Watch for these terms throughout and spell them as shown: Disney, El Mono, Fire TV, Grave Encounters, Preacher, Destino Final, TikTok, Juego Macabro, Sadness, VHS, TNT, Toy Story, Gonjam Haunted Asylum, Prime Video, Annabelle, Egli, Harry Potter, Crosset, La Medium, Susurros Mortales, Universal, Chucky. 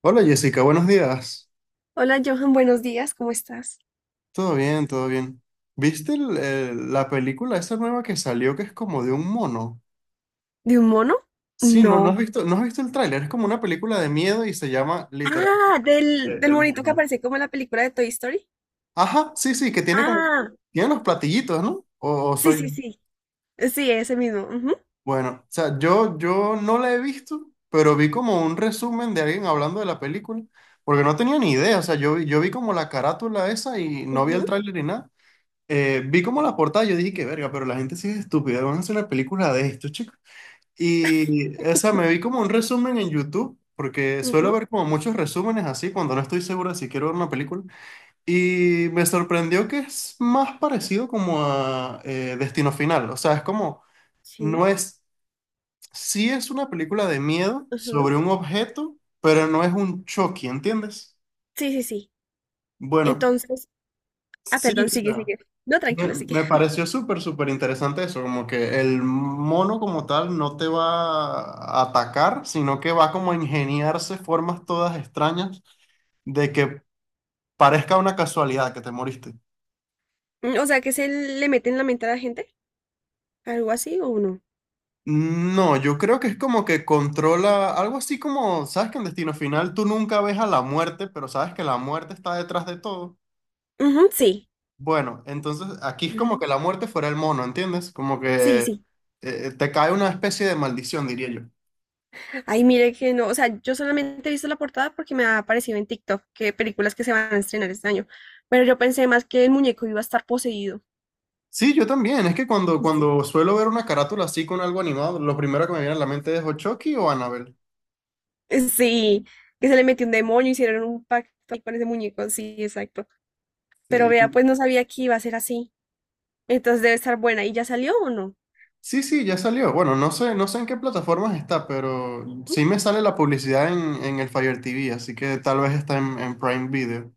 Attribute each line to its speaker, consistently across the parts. Speaker 1: Hola Jessica, buenos días.
Speaker 2: Hola Johan, buenos días, ¿cómo estás?
Speaker 1: Todo bien, todo bien. ¿Viste la película esa nueva que salió que es como de un mono?
Speaker 2: ¿De un mono?
Speaker 1: Sí, no, no has
Speaker 2: No.
Speaker 1: visto, no has visto el tráiler, es como una película de miedo y se llama literal
Speaker 2: Ah, del
Speaker 1: El
Speaker 2: monito que
Speaker 1: Mono.
Speaker 2: aparece como en la película de Toy Story.
Speaker 1: Ajá, sí, sí, que
Speaker 2: Ah,
Speaker 1: tiene los platillitos, ¿no? O
Speaker 2: sí,
Speaker 1: soy yo.
Speaker 2: sí, sí. Sí, ese mismo. Ujú,
Speaker 1: Bueno, o sea, yo no la he visto, pero vi como un resumen de alguien hablando de la película, porque no tenía ni idea, o sea, yo vi como la carátula esa y no vi el
Speaker 2: ujú,
Speaker 1: tráiler ni nada. Vi como la portada, yo dije que verga, pero la gente sí es estúpida, van a hacer una película de esto, chicos. Y, o sea, me vi como un resumen en YouTube, porque suelo
Speaker 2: ujú,
Speaker 1: ver como muchos resúmenes así cuando no estoy seguro de si quiero ver una película. Y me sorprendió que es más parecido como a Destino Final, o sea, es como, no
Speaker 2: sí,
Speaker 1: es, sí es una película de miedo
Speaker 2: ujú.
Speaker 1: sobre un objeto, pero no es un Chucky, ¿entiendes?
Speaker 2: Sí, sí, sí.
Speaker 1: Bueno,
Speaker 2: Entonces, ah,
Speaker 1: sí,
Speaker 2: perdón,
Speaker 1: o
Speaker 2: sigue,
Speaker 1: sea.
Speaker 2: sigue. No,
Speaker 1: Me,
Speaker 2: tranquilo, sigue.
Speaker 1: me pareció súper, súper interesante eso, como que el mono como tal no te va a atacar, sino que va como a ingeniarse formas todas extrañas de que parezca una casualidad que te moriste.
Speaker 2: Mm, o sea, que se le mete en la mente a la gente, algo así o no.
Speaker 1: No, yo creo que es como que controla algo así como, sabes que en Destino Final tú nunca ves a la muerte, pero sabes que la muerte está detrás de todo.
Speaker 2: Ujú, sí.
Speaker 1: Bueno, entonces aquí es como que
Speaker 2: Ujú.
Speaker 1: la muerte fuera el mono, ¿entiendes? Como
Speaker 2: Sí,
Speaker 1: que
Speaker 2: sí.
Speaker 1: te cae una especie de maldición, diría yo.
Speaker 2: Ay, mire que no, o sea, yo solamente he visto la portada porque me ha aparecido en TikTok que películas que se van a estrenar este año, pero yo pensé más que el muñeco iba a estar poseído.
Speaker 1: Sí, yo también. Es que cuando,
Speaker 2: Sí.
Speaker 1: cuando suelo ver una carátula así con algo animado, lo primero que me viene a la mente es o Chucky o Annabelle.
Speaker 2: Sí, que se le metió un demonio, hicieron un pacto ahí con ese muñeco, sí, exacto. Pero
Speaker 1: Sí,
Speaker 2: vea, pues no sabía que iba a ser así, entonces debe estar buena. ¿Y ya salió o no?
Speaker 1: sí, sí, ya salió. Bueno, no sé en qué plataformas está, pero
Speaker 2: ¿Mm?
Speaker 1: sí me sale la publicidad en el Fire TV, así que tal vez está en Prime Video.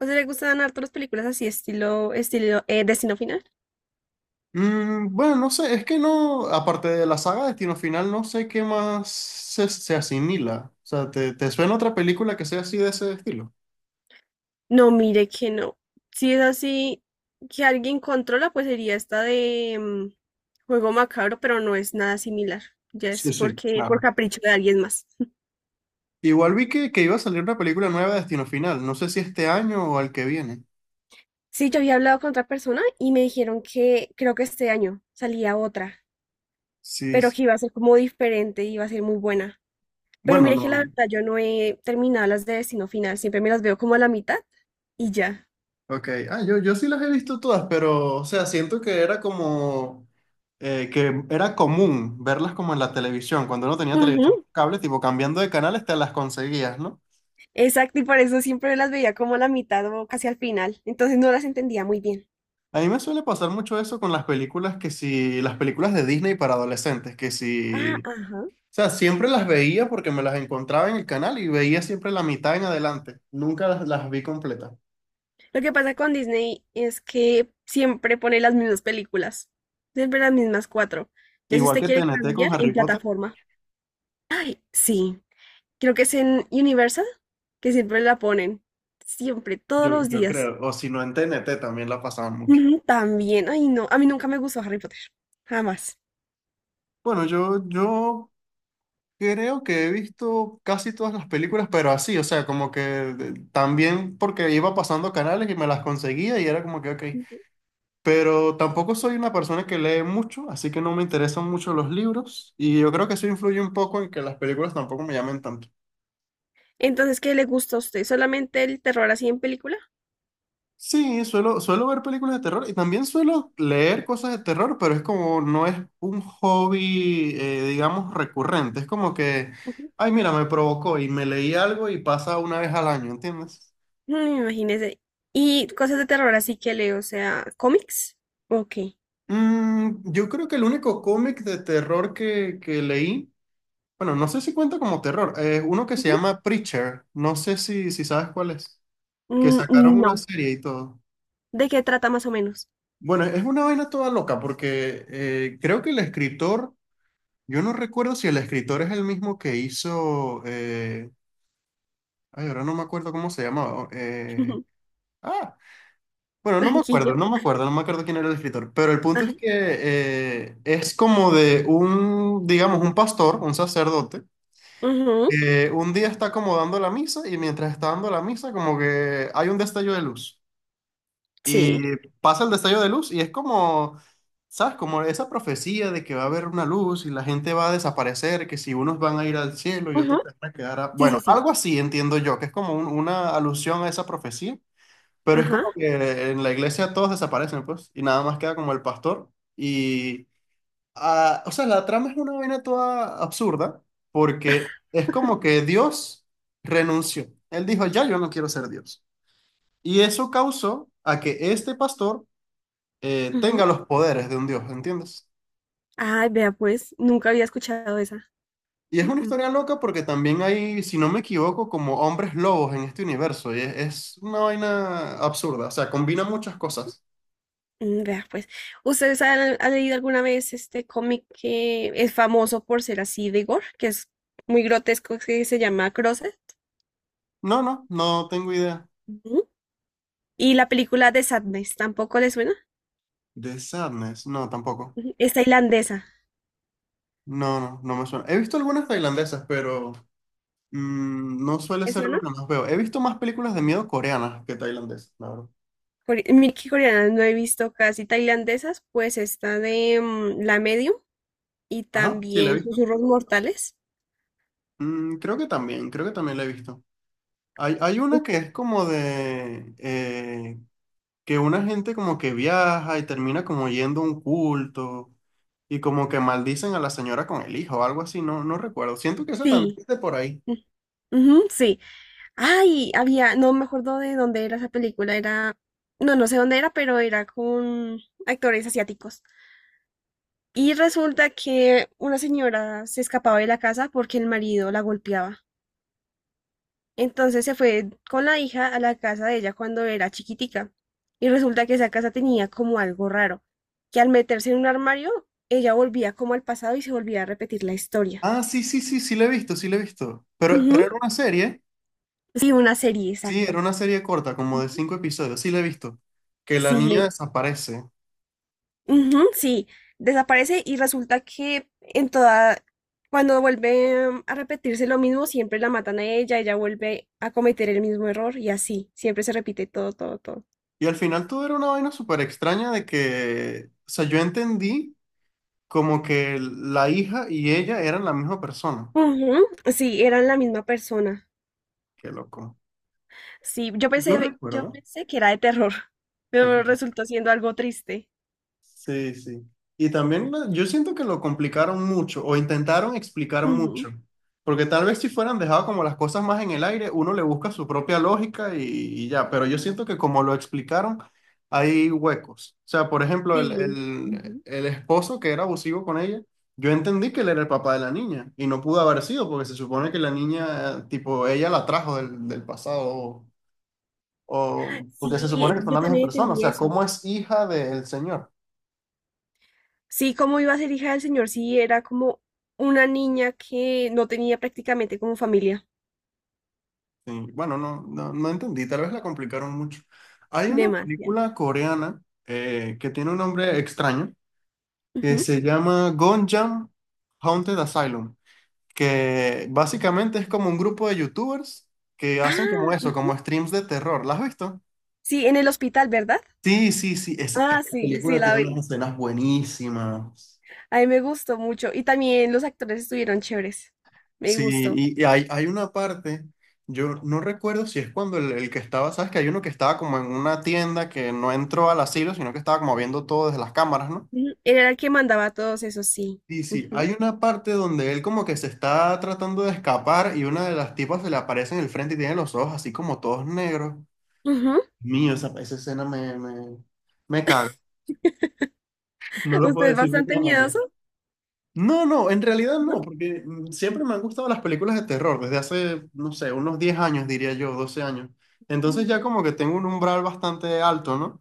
Speaker 2: O sea, le gustan harto las películas así, estilo, estilo, Destino Final.
Speaker 1: Bueno, no sé, es que no, aparte de la saga Destino Final, no sé qué más se asimila. O sea, ¿te suena otra película que sea así de ese estilo?
Speaker 2: No, mire que no. Si es así, que alguien controla, pues sería esta de Juego Macabro, pero no es nada similar. Ya
Speaker 1: Sí,
Speaker 2: es
Speaker 1: sí,
Speaker 2: porque por
Speaker 1: claro.
Speaker 2: capricho de alguien más.
Speaker 1: Igual vi que iba a salir una película nueva de Destino Final. No sé si este año o al que viene.
Speaker 2: Sí, yo había hablado con otra persona y me dijeron que creo que este año salía otra,
Speaker 1: Sí.
Speaker 2: pero que iba a ser como diferente, y iba a ser muy buena. Pero
Speaker 1: Bueno,
Speaker 2: mire que la
Speaker 1: no.
Speaker 2: verdad yo no he terminado las de Destino Final, siempre me las veo como a la mitad y ya.
Speaker 1: Ok. Ah, yo sí las he visto todas, pero, o sea, siento que era como, que era común verlas como en la televisión. Cuando uno tenía
Speaker 2: Ujú,
Speaker 1: televisión por cable, tipo cambiando de canales, te las conseguías, ¿no?
Speaker 2: exacto, y por eso siempre me las veía como a la mitad o casi al final, entonces no las entendía muy bien.
Speaker 1: A mí me suele pasar mucho eso con las películas que si, las películas de Disney para adolescentes, que
Speaker 2: Ah,
Speaker 1: si, o
Speaker 2: ajá.
Speaker 1: sea, siempre las veía porque me las encontraba en el canal y veía siempre la mitad en adelante. Nunca las, las vi completas.
Speaker 2: Lo que pasa con Disney es que siempre pone las mismas películas, siempre las mismas cuatro. Ya si
Speaker 1: Igual
Speaker 2: usted
Speaker 1: que T
Speaker 2: quiere
Speaker 1: N T con
Speaker 2: cambiar, en
Speaker 1: Harry Potter,
Speaker 2: plataforma. Ay, sí. Creo que es en Universal, que siempre la ponen. Siempre, todos
Speaker 1: yo,
Speaker 2: los
Speaker 1: yo
Speaker 2: días.
Speaker 1: creo, o si no en TNT también la pasaban mucho.
Speaker 2: Ujú, también, ay no, a mí nunca me gustó Harry Potter, jamás.
Speaker 1: Bueno, yo creo que he visto casi todas las películas, pero así, o sea, como que también porque iba pasando canales y me las conseguía y era como que, ok,
Speaker 2: Ujú.
Speaker 1: pero tampoco soy una persona que lee mucho, así que no me interesan mucho los libros y yo creo que eso influye un poco en que las películas tampoco me llamen tanto.
Speaker 2: Entonces, ¿qué le gusta a usted? ¿Solamente el terror así en película?
Speaker 1: Sí, suelo ver películas de terror y también suelo leer cosas de terror, pero es como no es un hobby, digamos, recurrente. Es como que, ay, mira, me provocó y me leí algo y pasa una vez al año, ¿entiendes?
Speaker 2: Mm, imagínese. Y cosas de terror, así que leo, o sea, cómics. Ok.
Speaker 1: Yo creo que el único cómic de terror que leí, bueno, no sé si cuenta como terror, es uno que se
Speaker 2: Ujú.
Speaker 1: llama Preacher, no sé si sabes cuál es, que sacaron
Speaker 2: Mm,
Speaker 1: una
Speaker 2: no.
Speaker 1: serie y todo.
Speaker 2: ¿De qué trata más o menos?
Speaker 1: Bueno, es una vaina toda loca porque creo que el escritor... Yo no recuerdo si el escritor es el mismo que hizo. Ay, ahora no me acuerdo cómo se llamaba. Ah, bueno, no me acuerdo,
Speaker 2: Tranquilo.
Speaker 1: no me acuerdo, no me acuerdo quién era el escritor. Pero el punto
Speaker 2: Ajá.
Speaker 1: es que es como de un, digamos, un pastor, un sacerdote,
Speaker 2: Ujú.
Speaker 1: que un día está como dando la misa y mientras está dando la misa, como que hay un destello de luz.
Speaker 2: Sí.
Speaker 1: Y pasa el destello de luz y es como, ¿sabes? Como esa profecía de que va a haber una luz y la gente va a desaparecer, que si unos van a ir al cielo y otros
Speaker 2: Ajá.
Speaker 1: se van a quedar
Speaker 2: Sí, sí,
Speaker 1: Bueno,
Speaker 2: sí.
Speaker 1: algo así entiendo yo, que es como una alusión a esa profecía, pero es como
Speaker 2: Ajá.
Speaker 1: que en la iglesia todos desaparecen, pues, y nada más queda como el pastor. Y, ah, o sea, la trama es una vaina toda absurda, porque es como que Dios renunció. Él dijo, ya yo no quiero ser Dios. Y eso causó a que este pastor
Speaker 2: Ujú.
Speaker 1: tenga los poderes de un dios, ¿entiendes?
Speaker 2: Ay, vea pues, nunca había escuchado esa.
Speaker 1: Y es
Speaker 2: Mm,
Speaker 1: una
Speaker 2: mm.
Speaker 1: historia loca porque también hay, si no me equivoco, como hombres lobos en este universo. Y es una vaina absurda. O sea, combina muchas cosas.
Speaker 2: Mm, vea pues, ¿ustedes han leído alguna vez este cómic que es famoso por ser así de gore, que es muy grotesco, que se llama Crosset?
Speaker 1: No, no, no tengo idea.
Speaker 2: Ujú. Y la película de Sadness, ¿tampoco les suena?
Speaker 1: The Sadness, no, tampoco.
Speaker 2: Ujú, es tailandesa,
Speaker 1: No, no, no me suena. He visto algunas tailandesas, pero no suele ser
Speaker 2: ¿esa
Speaker 1: lo
Speaker 2: no?
Speaker 1: que más veo. He visto más películas de miedo coreanas que tailandesas, la verdad.
Speaker 2: Core- Mira coreanas no he visto casi tailandesas, pues está de La Medium y
Speaker 1: Ajá, sí, la he
Speaker 2: también
Speaker 1: visto.
Speaker 2: Susurros Mortales.
Speaker 1: Creo que también la he visto. Hay una que es como de, que una gente como que viaja y termina como yendo a un culto y como que maldicen a la señora con el hijo o algo así, no, no recuerdo. Siento que eso también
Speaker 2: Sí.
Speaker 1: es de por ahí.
Speaker 2: Mm, ujú, sí. Ay, había, no me acuerdo de dónde era esa película, era, no, no sé dónde era, pero era con actores asiáticos. Y resulta que una señora se escapaba de la casa porque el marido la golpeaba. Entonces se fue con la hija a la casa de ella cuando era chiquitica. Y resulta que esa casa tenía como algo raro, que al meterse en un armario, ella volvía como al pasado y se volvía a repetir la historia.
Speaker 1: Ah, sí, sí, sí, sí, la he visto, sí, la he visto. Pero
Speaker 2: Ujú,
Speaker 1: era una serie,
Speaker 2: sí, una serie,
Speaker 1: sí, era
Speaker 2: exacto.
Speaker 1: una serie corta, como de cinco episodios, sí, la he visto. Que la niña
Speaker 2: Sí,
Speaker 1: desaparece.
Speaker 2: ujú, sí, desaparece y resulta que en toda, cuando vuelve a repetirse lo mismo, siempre la matan a ella, ella vuelve a cometer el mismo error y así, siempre se repite todo, todo, todo.
Speaker 1: Y al final todo era una vaina súper extraña de que, o sea, yo entendí como que la hija y ella eran la misma persona.
Speaker 2: Ujú, sí, eran la misma persona.
Speaker 1: Qué loco.
Speaker 2: Sí,
Speaker 1: Yo
Speaker 2: yo
Speaker 1: recuerdo.
Speaker 2: pensé que era de terror, pero
Speaker 1: Ok,
Speaker 2: resultó siendo algo triste.
Speaker 1: sí, sí. Y también yo siento que lo complicaron mucho o intentaron explicar
Speaker 2: Ujú.
Speaker 1: mucho, porque tal vez si fueran dejado como las cosas más en el aire, uno le busca su propia lógica y ya, pero yo siento que como lo explicaron, hay huecos. O sea, por ejemplo, el,
Speaker 2: Sí,
Speaker 1: el,
Speaker 2: ujú.
Speaker 1: el esposo que era abusivo con ella, yo entendí que él era el papá de la niña y no pudo haber sido porque se supone que la niña, tipo, ella la trajo del pasado o- porque se
Speaker 2: Sí,
Speaker 1: supone que son
Speaker 2: yo
Speaker 1: la misma
Speaker 2: también
Speaker 1: persona, o
Speaker 2: entendí
Speaker 1: sea,
Speaker 2: eso.
Speaker 1: ¿cómo es hija del señor?
Speaker 2: Sí, como iba a ser hija del Señor, sí, era como una niña que no tenía prácticamente como familia.
Speaker 1: Sí, bueno, no, no, no entendí, tal vez la complicaron mucho. Hay una
Speaker 2: Demasiado.
Speaker 1: película coreana que tiene un nombre extraño, que
Speaker 2: Ujú.
Speaker 1: se llama Gonjam Haunted Asylum, que básicamente es como un grupo de youtubers que hacen como
Speaker 2: Ah,
Speaker 1: eso,
Speaker 2: ujú.
Speaker 1: como streams de terror. ¿La has visto?
Speaker 2: Sí, en el hospital, ¿verdad?
Speaker 1: Sí, sí, sí, esa,
Speaker 2: Ah,
Speaker 1: esa
Speaker 2: sí, sí,
Speaker 1: película
Speaker 2: la
Speaker 1: tiene unas
Speaker 2: vi.
Speaker 1: escenas buenísimas.
Speaker 2: A mí me gustó mucho. Y también los actores estuvieron chéveres. Me
Speaker 1: Sí,
Speaker 2: gustó.
Speaker 1: y hay una parte, yo no recuerdo si es cuando el que estaba, sabes que hay uno que estaba como en una tienda que no entró al asilo, sino que estaba como viendo todo desde las cámaras, ¿no?
Speaker 2: Ujú. Era el que mandaba a todos esos, sí.
Speaker 1: Sí, sí,
Speaker 2: Ujú.
Speaker 1: hay una parte donde él como que se está tratando de escapar y una de las tipas se le aparece en el frente y tiene los ojos así como todos negros.
Speaker 2: Ujú.
Speaker 1: Mío, esa escena me caga. No lo
Speaker 2: ¿Usted
Speaker 1: puedo
Speaker 2: es
Speaker 1: decir de
Speaker 2: bastante
Speaker 1: otra manera.
Speaker 2: miedoso?
Speaker 1: No, no, en realidad
Speaker 2: ¿No?
Speaker 1: no, porque siempre me han gustado las películas de terror, desde hace, no sé, unos 10 años, diría yo, 12 años. Entonces
Speaker 2: Mm,
Speaker 1: ya como que tengo un umbral bastante alto, ¿no?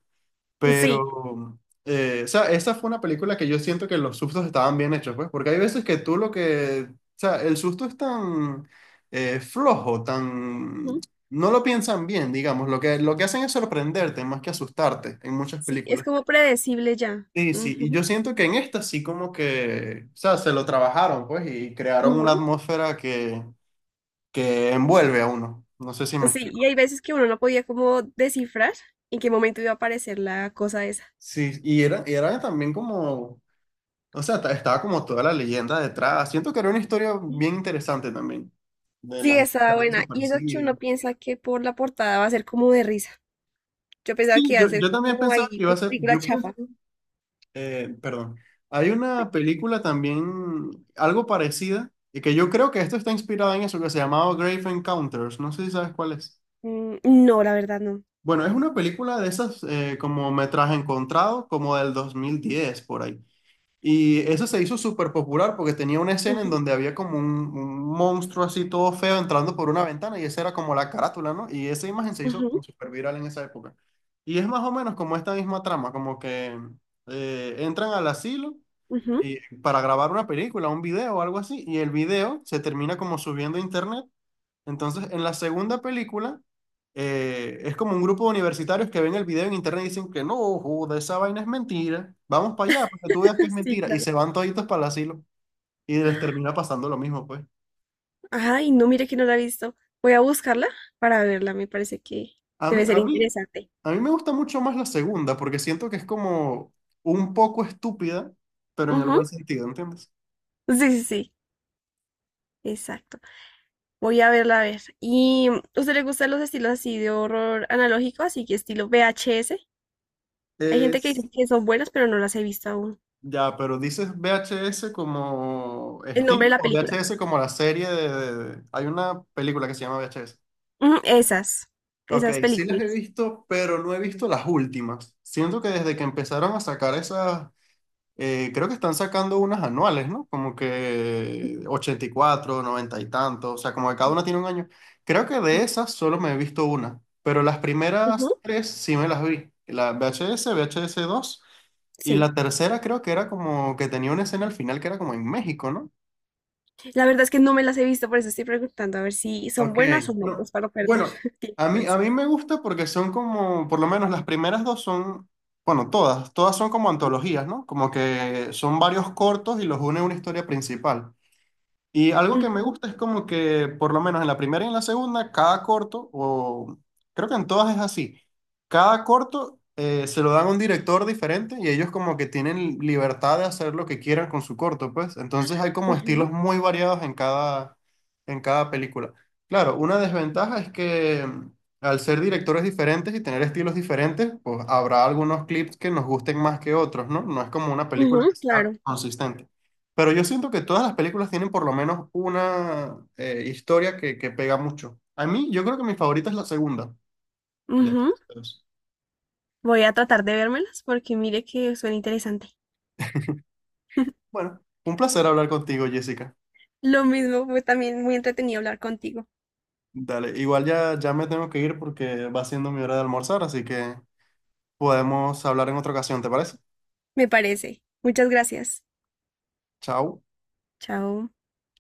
Speaker 2: sí,
Speaker 1: Pero, o sea, esa fue una película que yo siento que los sustos estaban bien hechos, pues, porque hay veces que tú lo que, o sea, el susto es tan flojo, tan.
Speaker 2: ujú,
Speaker 1: No lo piensan bien, digamos, lo que hacen es sorprenderte más que asustarte en muchas
Speaker 2: sí, es
Speaker 1: películas.
Speaker 2: como predecible ya.
Speaker 1: Sí, sí, y
Speaker 2: Ujú,
Speaker 1: yo siento que en esta sí como que, o sea, se lo trabajaron, pues, y crearon una
Speaker 2: ujú.
Speaker 1: atmósfera que envuelve a uno. No sé si me
Speaker 2: Sí, y
Speaker 1: explico.
Speaker 2: hay veces que uno no podía como descifrar en qué momento iba a aparecer la cosa esa.
Speaker 1: Sí, y era también como, o sea, estaba como toda la leyenda detrás. Siento que era una historia
Speaker 2: Ujú.
Speaker 1: bien interesante también, de la
Speaker 2: Sí,
Speaker 1: gente que
Speaker 2: estaba
Speaker 1: había
Speaker 2: buena. Y eso que uno
Speaker 1: desaparecido.
Speaker 2: piensa que por la portada va a ser como de risa. Yo pensaba
Speaker 1: Sí,
Speaker 2: que iba
Speaker 1: yo,
Speaker 2: a ser
Speaker 1: yo también
Speaker 2: como
Speaker 1: pensaba
Speaker 2: ahí
Speaker 1: que iba a
Speaker 2: una
Speaker 1: ser,
Speaker 2: película
Speaker 1: yo
Speaker 2: chafa.
Speaker 1: pensaba, perdón, hay una película también, algo parecida, y que yo creo que esto está inspirada en eso, que se llamaba Grave Encounters, no sé si sabes cuál es.
Speaker 2: Mm, no, la verdad no.
Speaker 1: Bueno, es una película de esas como metraje encontrado, como del 2010 por ahí. Y eso se hizo súper popular porque tenía una escena en
Speaker 2: Ujú,
Speaker 1: donde había como un monstruo así todo feo entrando por una ventana y esa era como la carátula, ¿no? Y esa imagen se hizo
Speaker 2: ujú,
Speaker 1: como súper viral en esa época. Y es más o menos como esta misma trama, como que entran al asilo
Speaker 2: ujú.
Speaker 1: para grabar una película, un video o algo así, y el video se termina como subiendo a internet entonces, en la segunda película, es como un grupo de universitarios que ven el video en internet y dicen que no, joda, esa vaina es mentira. Vamos para allá, para que tú veas que es
Speaker 2: Sí,
Speaker 1: mentira. Y
Speaker 2: claro.
Speaker 1: se van toditos para el asilo. Y les termina pasando lo mismo, pues.
Speaker 2: Ay, no, mire que no la he visto. Voy a buscarla para verla, me parece que
Speaker 1: A mí,
Speaker 2: debe ser
Speaker 1: a mí,
Speaker 2: interesante.
Speaker 1: a mí me gusta mucho más la segunda, porque siento que es como un poco estúpida, pero en el buen sentido, ¿entiendes?
Speaker 2: Ujú. Sí, sí, sí. Exacto. Voy a verla a ver. ¿Y usted le gustan los estilos así de horror analógico, así que estilo VHS? Hay gente que
Speaker 1: Es.
Speaker 2: dice que son buenas, pero no las he visto aún.
Speaker 1: Ya, pero dices VHS como
Speaker 2: El nombre de
Speaker 1: estilo
Speaker 2: la
Speaker 1: o
Speaker 2: película.
Speaker 1: VHS como la serie. Hay una película que se llama VHS.
Speaker 2: Ujú, esas,
Speaker 1: Ok,
Speaker 2: esas
Speaker 1: sí las he
Speaker 2: películas.
Speaker 1: visto, pero no he visto las últimas. Siento que desde que empezaron a sacar esas, creo que están sacando unas anuales, ¿no? Como que 84, 90 y tanto, o sea, como que cada una tiene un año. Creo que de
Speaker 2: Ujú,
Speaker 1: esas solo me he visto una, pero las primeras
Speaker 2: ujú,
Speaker 1: tres sí me las vi. La VHS, VHS 2 y
Speaker 2: sí.
Speaker 1: la tercera creo que era como que tenía una escena al final que era como en México, ¿no?
Speaker 2: La verdad es que no me las he visto, por eso estoy preguntando a ver si son
Speaker 1: Ok,
Speaker 2: buenas o no,
Speaker 1: no.
Speaker 2: pues para no perder
Speaker 1: Bueno,
Speaker 2: tiempo.
Speaker 1: a
Speaker 2: Por
Speaker 1: mí,
Speaker 2: eso.
Speaker 1: a mí me gusta porque son como, por lo menos las primeras dos son, bueno, todas son como antologías, ¿no? Como que son varios cortos y los une una historia principal. Y algo que me
Speaker 2: Ujú,
Speaker 1: gusta es como que, por lo menos en la primera y en la segunda, cada corto, o creo que en todas es así, cada corto se lo dan a un director diferente y ellos como que tienen libertad de hacer lo que quieran con su corto, pues. Entonces hay como
Speaker 2: ujú,
Speaker 1: estilos muy variados en cada película. Claro, una desventaja es que al ser directores diferentes y tener estilos diferentes, pues habrá algunos clips que nos gusten más que otros, ¿no? No es como una película
Speaker 2: ujú,
Speaker 1: que sea
Speaker 2: claro.
Speaker 1: consistente. Pero yo siento que todas las películas tienen por lo menos una historia que pega mucho. A mí, yo creo que mi favorita es la segunda. De
Speaker 2: Ujú.
Speaker 1: esas.
Speaker 2: Voy a tratar de vérmelas porque mire que suena interesante.
Speaker 1: Bueno, un placer hablar contigo, Jessica.
Speaker 2: Lo mismo, fue también muy entretenido hablar contigo.
Speaker 1: Dale, igual ya me tengo que ir porque va siendo mi hora de almorzar, así que podemos hablar en otra ocasión, ¿te parece?
Speaker 2: Me parece. Muchas gracias.
Speaker 1: Chao.
Speaker 2: Chao.